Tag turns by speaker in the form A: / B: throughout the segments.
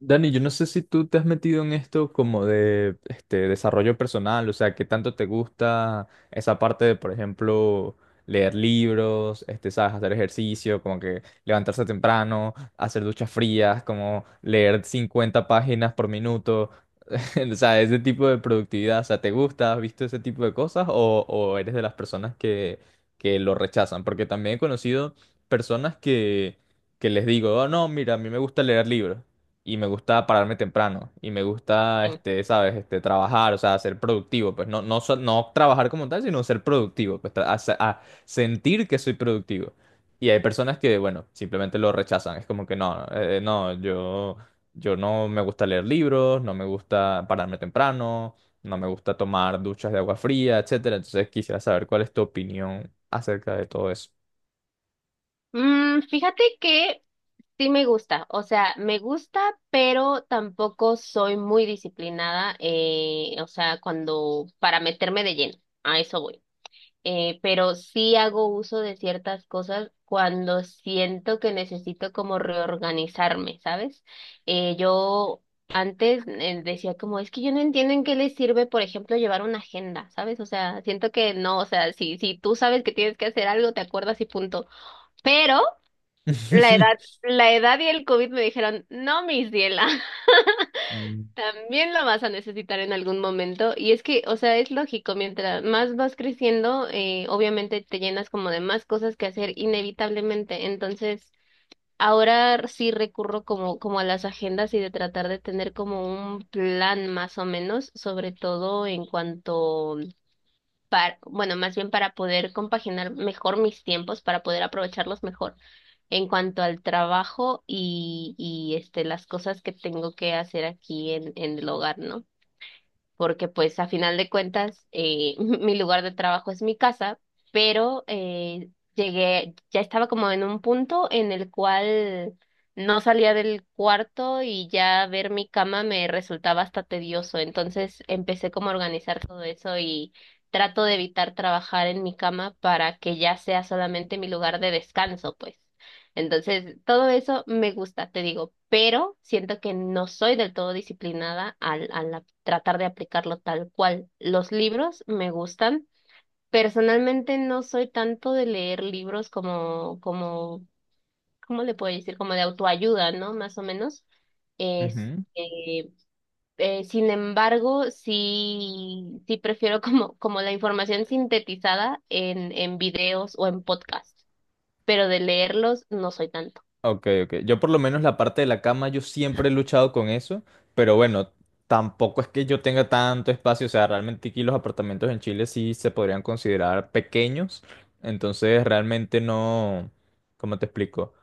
A: Dani, yo no sé si tú te has metido en esto como de este desarrollo personal, o sea, qué tanto te gusta esa parte de, por ejemplo, leer libros, sabes, hacer ejercicio, como que levantarse temprano, hacer duchas frías, como leer 50 páginas por minuto. O sea, ese tipo de productividad, o sea, ¿te gusta? ¿Has visto ese tipo de cosas? ¿O eres de las personas que lo rechazan? Porque también he conocido personas que les digo, oh, no, mira, a mí me gusta leer libros y me gusta pararme temprano y me gusta, ¿sabes? Trabajar, o sea, ser productivo, pues no trabajar como tal, sino ser productivo, pues a sentir que soy productivo. Y hay personas que, bueno, simplemente lo rechazan. Es como que no, no, yo. Yo no me gusta leer libros, no me gusta pararme temprano, no me gusta tomar duchas de agua fría, etcétera. Entonces quisiera saber cuál es tu opinión acerca de todo eso.
B: Fíjate que sí me gusta, o sea, me gusta, pero tampoco soy muy disciplinada, o sea, cuando para meterme de lleno, a eso voy. Pero sí hago uso de ciertas cosas cuando siento que necesito como reorganizarme, ¿sabes? Yo antes decía como, es que yo no entiendo en qué les sirve, por ejemplo, llevar una agenda, ¿sabes? O sea, siento que no, o sea, si tú sabes que tienes que hacer algo, te acuerdas y punto. Pero la edad, la edad y el COVID me dijeron, no, mis Diela,
A: Mm.
B: también lo vas a necesitar en algún momento. Y es que, o sea, es lógico, mientras más vas creciendo, obviamente te llenas como de más cosas que hacer inevitablemente. Entonces, ahora sí recurro como a las agendas y de tratar de tener como un plan más o menos, sobre todo en cuanto para, bueno, más bien para poder compaginar mejor mis tiempos, para poder aprovecharlos mejor en cuanto al trabajo y las cosas que tengo que hacer aquí en el hogar, ¿no? Porque pues a final de cuentas mi lugar de trabajo es mi casa, pero llegué, ya estaba como en un punto en el cual no salía del cuarto y ya ver mi cama me resultaba hasta tedioso, entonces empecé como a organizar todo eso y trato de evitar trabajar en mi cama para que ya sea solamente mi lugar de descanso, pues. Entonces, todo eso me gusta, te digo, pero siento que no soy del todo disciplinada al tratar de aplicarlo tal cual. Los libros me gustan. Personalmente no soy tanto de leer libros como, ¿cómo le puedo decir? Como de autoayuda, ¿no? Más o menos.
A: Ujú.
B: Este, sin embargo, sí prefiero como la información sintetizada en videos o en podcasts, pero de leerlos no soy tanto.
A: Ok, ok. Yo por lo menos la parte de la cama, yo siempre he luchado con eso, pero bueno, tampoco es que yo tenga tanto espacio, o sea, realmente aquí los apartamentos en Chile sí se podrían considerar pequeños, entonces realmente no, ¿cómo te explico?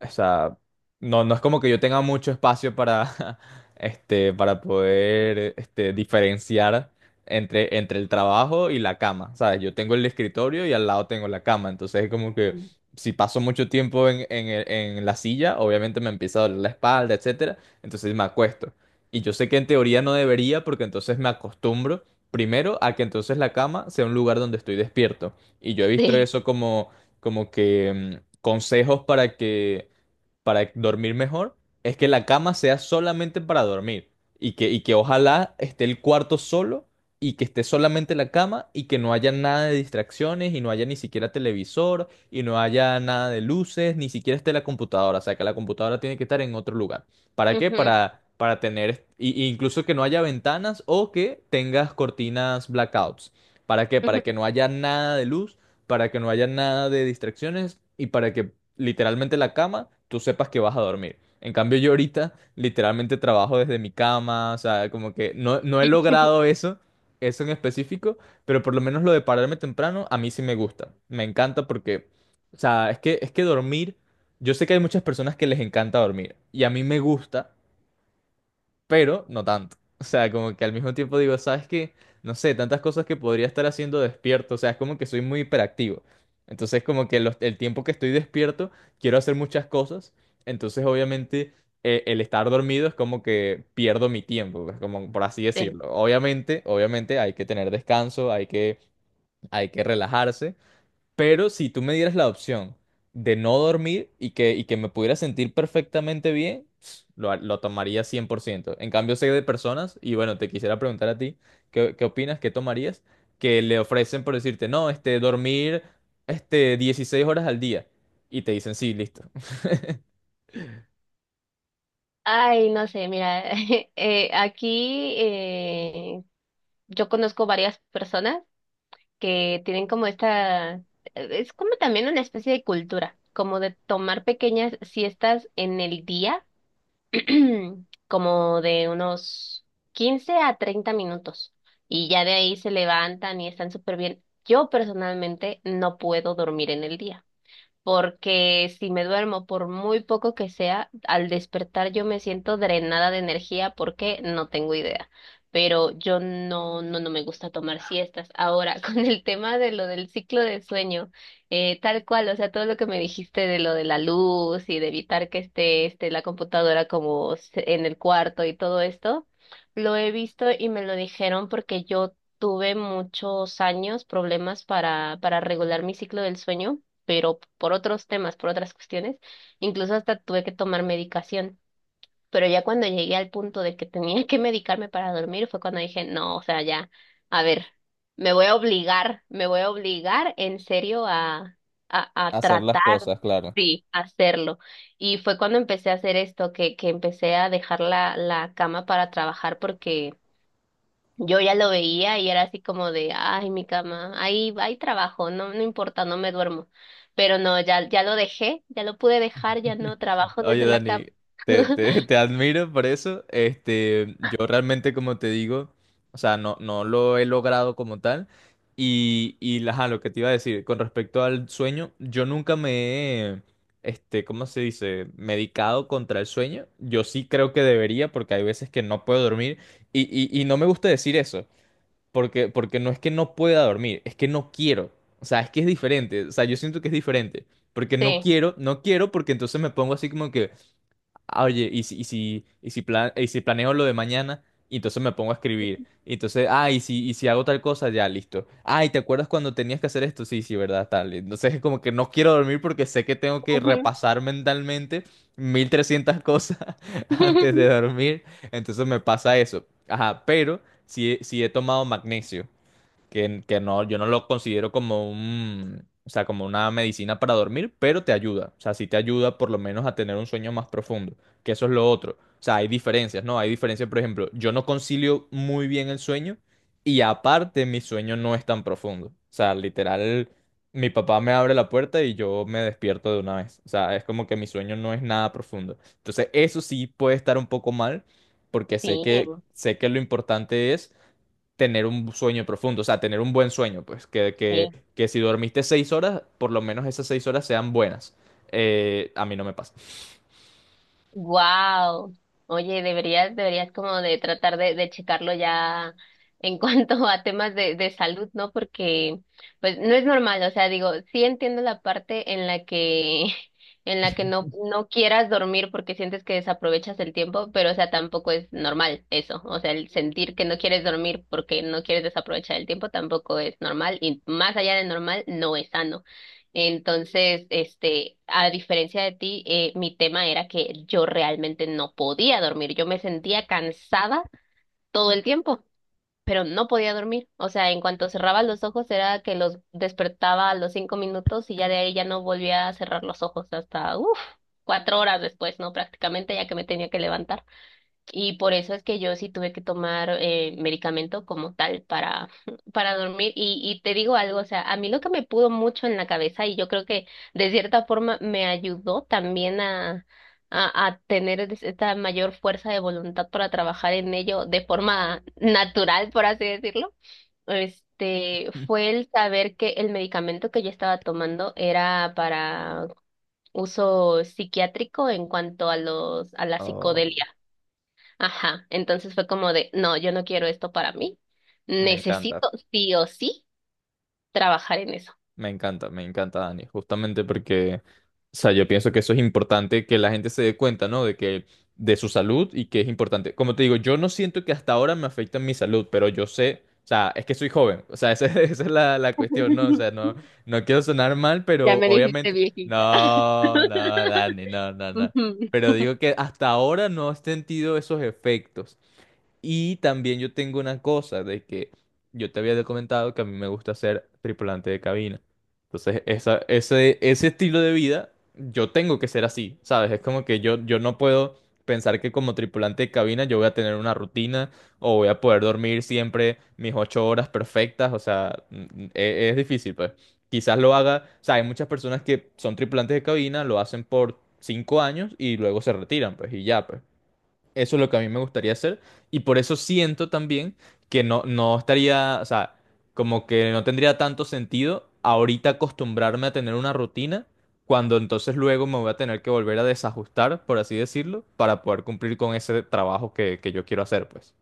A: O sea, no, no es como que yo tenga mucho espacio para, para poder, diferenciar entre el trabajo y la cama, ¿sabes? Yo tengo el escritorio y al lado tengo la cama, entonces es como que si paso mucho tiempo en la silla, obviamente me empieza a doler la espalda, etcétera, entonces me acuesto. Y yo sé que en teoría no debería, porque entonces me acostumbro primero a que entonces la cama sea un lugar donde estoy despierto. Y yo he visto eso como, como que consejos para que para dormir mejor es que la cama sea solamente para dormir y que ojalá esté el cuarto solo y que esté solamente la cama y que no haya nada de distracciones y no haya ni siquiera televisor y no haya nada de luces, ni siquiera esté la computadora, o sea que la computadora tiene que estar en otro lugar. ¿Para qué?
B: Ujú,
A: Para tener, y incluso que no haya ventanas o que tengas cortinas blackouts. ¿Para qué?
B: ujú,
A: Para que no haya nada de luz, para que no haya nada de distracciones y para que literalmente la cama, tú sepas que vas a dormir. En cambio, yo ahorita literalmente trabajo desde mi cama, o sea, como que no, no he logrado eso, eso en específico, pero por lo menos lo de pararme temprano, a mí sí me gusta. Me encanta porque, o sea, es que dormir, yo sé que hay muchas personas que les encanta dormir, y a mí me gusta pero no tanto. O sea, como que al mismo tiempo digo, ¿sabes qué? No sé, tantas cosas que podría estar haciendo despierto, o sea, es como que soy muy hiperactivo. Entonces, como que el tiempo que estoy despierto, quiero hacer muchas cosas, entonces obviamente el estar dormido es como que pierdo mi tiempo, pues, como por así
B: sí.
A: decirlo. Obviamente, obviamente hay que tener descanso, hay que relajarse, pero si tú me dieras la opción de no dormir y que me pudiera sentir perfectamente bien, lo tomaría 100%. En cambio, sé de personas, y bueno, te quisiera preguntar a ti, ¿qué opinas? ¿Qué tomarías? Que le ofrecen por decirte, no, dormir, 16 horas al día. Y te dicen, sí, listo.
B: Ay, no sé, mira, aquí yo conozco varias personas que tienen como esta, es como también una especie de cultura, como de tomar pequeñas siestas en el día, como de unos 15 a 30 minutos, y ya de ahí se levantan y están súper bien. Yo personalmente no puedo dormir en el día, porque si me duermo por muy poco que sea, al despertar yo me siento drenada de energía porque no tengo idea. Pero yo no, no, no me gusta tomar siestas. Ahora, con el tema de lo del ciclo de sueño, tal cual, o sea, todo lo que me dijiste de lo de la luz y de evitar que esté la computadora en el cuarto y todo esto, lo he visto y me lo dijeron porque yo tuve muchos años problemas para regular mi ciclo del sueño, pero por otros temas, por otras cuestiones, incluso hasta tuve que tomar medicación. Pero ya cuando llegué al punto de que tenía que medicarme para dormir, fue cuando dije, no, o sea, ya, a ver, me voy a obligar, me voy a obligar en serio a, a, a
A: Hacer las
B: tratar,
A: cosas, claro.
B: sí, hacerlo. Y fue cuando empecé a hacer esto, que empecé a dejar la cama para trabajar porque yo ya lo veía y era así como de, ay, mi cama, ahí, ahí trabajo, no, no importa, no me duermo. Pero no, ya, ya lo dejé, ya lo pude dejar, ya no trabajo
A: Oye,
B: desde la
A: Dani,
B: cama.
A: te admiro por eso. Este, yo realmente, como te digo, o sea, no, no lo he logrado como tal. Y ajá, lo que te iba a decir, con respecto al sueño, yo nunca me he, ¿cómo se dice? Medicado contra el sueño. Yo sí creo que debería, porque hay veces que no puedo dormir. Y no me gusta decir eso, porque, porque no es que no pueda dormir, es que no quiero. O sea, es que es diferente. O sea, yo siento que es diferente. Porque no
B: Sí.
A: quiero, no quiero, porque entonces me pongo así como que. Ah, oye, y si planeo lo de mañana, y entonces me pongo a escribir. Y entonces, ah, y si hago tal cosa, ya, listo. Ah, ¿y te acuerdas cuando tenías que hacer esto? Sí, sí, ¿verdad? Tal. Entonces es como que no quiero dormir porque sé que tengo que
B: Ujú.
A: repasar mentalmente 1.300 cosas antes de dormir. Entonces me pasa eso. Ajá, pero si, si he tomado magnesio que no, yo no lo considero como un, o sea, como una medicina para dormir, pero te ayuda. O sea, sí te ayuda por lo menos a tener un sueño más profundo, que eso es lo otro. O sea, hay diferencias, ¿no? Hay diferencias, por ejemplo, yo no concilio muy bien el sueño y aparte mi sueño no es tan profundo. O sea, literal, mi papá me abre la puerta y yo me despierto de una vez. O sea, es como que mi sueño no es nada profundo. Entonces, eso sí puede estar un poco mal porque
B: Sí,
A: sé que lo importante es tener un sueño profundo, o sea, tener un buen sueño, pues, que, que,
B: sí.
A: que si dormiste 6 horas, por lo menos esas 6 horas sean buenas. A mí no me pasa.
B: Wow. Oye, deberías, deberías como de tratar de checarlo ya en cuanto a temas de salud, ¿no? Porque pues no es normal, o sea, digo, sí entiendo la parte en la que en la que no quieras dormir porque sientes que desaprovechas el tiempo, pero o sea, tampoco es normal eso, o sea, el sentir que no quieres dormir porque no quieres desaprovechar el tiempo tampoco es normal y más allá de normal no es sano. Entonces, a diferencia de ti, mi tema era que yo realmente no podía dormir. Yo me sentía cansada todo el tiempo, pero no podía dormir. O sea, en cuanto cerraba los ojos era que los despertaba a los 5 minutos y ya de ahí ya no volvía a cerrar los ojos hasta, uff, 4 horas después, ¿no? Prácticamente ya que me tenía que levantar. Y por eso es que yo sí tuve que tomar medicamento como tal para, para dormir. Y te digo algo, o sea, a mí lo que me pudo mucho en la cabeza y yo creo que de cierta forma me ayudó también a tener esta mayor fuerza de voluntad para trabajar en ello de forma natural, por así decirlo. Este fue el saber que el medicamento que yo estaba tomando era para uso psiquiátrico en cuanto a los, a la
A: Oh,
B: psicodelia. Ajá, entonces fue como de, no, yo no quiero esto para mí,
A: me encanta.
B: necesito sí o sí trabajar en eso.
A: Me encanta, me encanta, Dani, justamente porque, o sea, yo pienso que eso es importante que la gente se dé cuenta, ¿no? De que, de su salud y que es importante. Como te digo, yo no siento que hasta ahora me afecta en mi salud, pero yo sé, o sea, es que soy joven, o sea, esa, esa es la, cuestión, ¿no? O sea, no, no quiero sonar mal,
B: Ya
A: pero
B: me dijiste
A: obviamente,
B: viejita.
A: no, no, Dani, no, no, no. Pero digo que hasta ahora no he sentido esos efectos, y también yo tengo una cosa de que yo te había comentado que a mí me gusta ser tripulante de cabina. Entonces, esa, ese estilo de vida, yo tengo que ser así, ¿sabes? Es como que yo no puedo pensar que como tripulante de cabina yo voy a tener una rutina o voy a poder dormir siempre mis 8 horas perfectas. O sea, es, difícil, pues. Quizás lo haga, o sea, hay muchas personas que son tripulantes de cabina, lo hacen por 5 años y luego se retiran, pues, y ya, pues. Eso es lo que a mí me gustaría hacer y por eso siento también que no, no estaría, o sea, como que no tendría tanto sentido ahorita acostumbrarme a tener una rutina cuando entonces luego me voy a tener que volver a desajustar, por así decirlo, para poder cumplir con ese trabajo que yo quiero hacer, pues.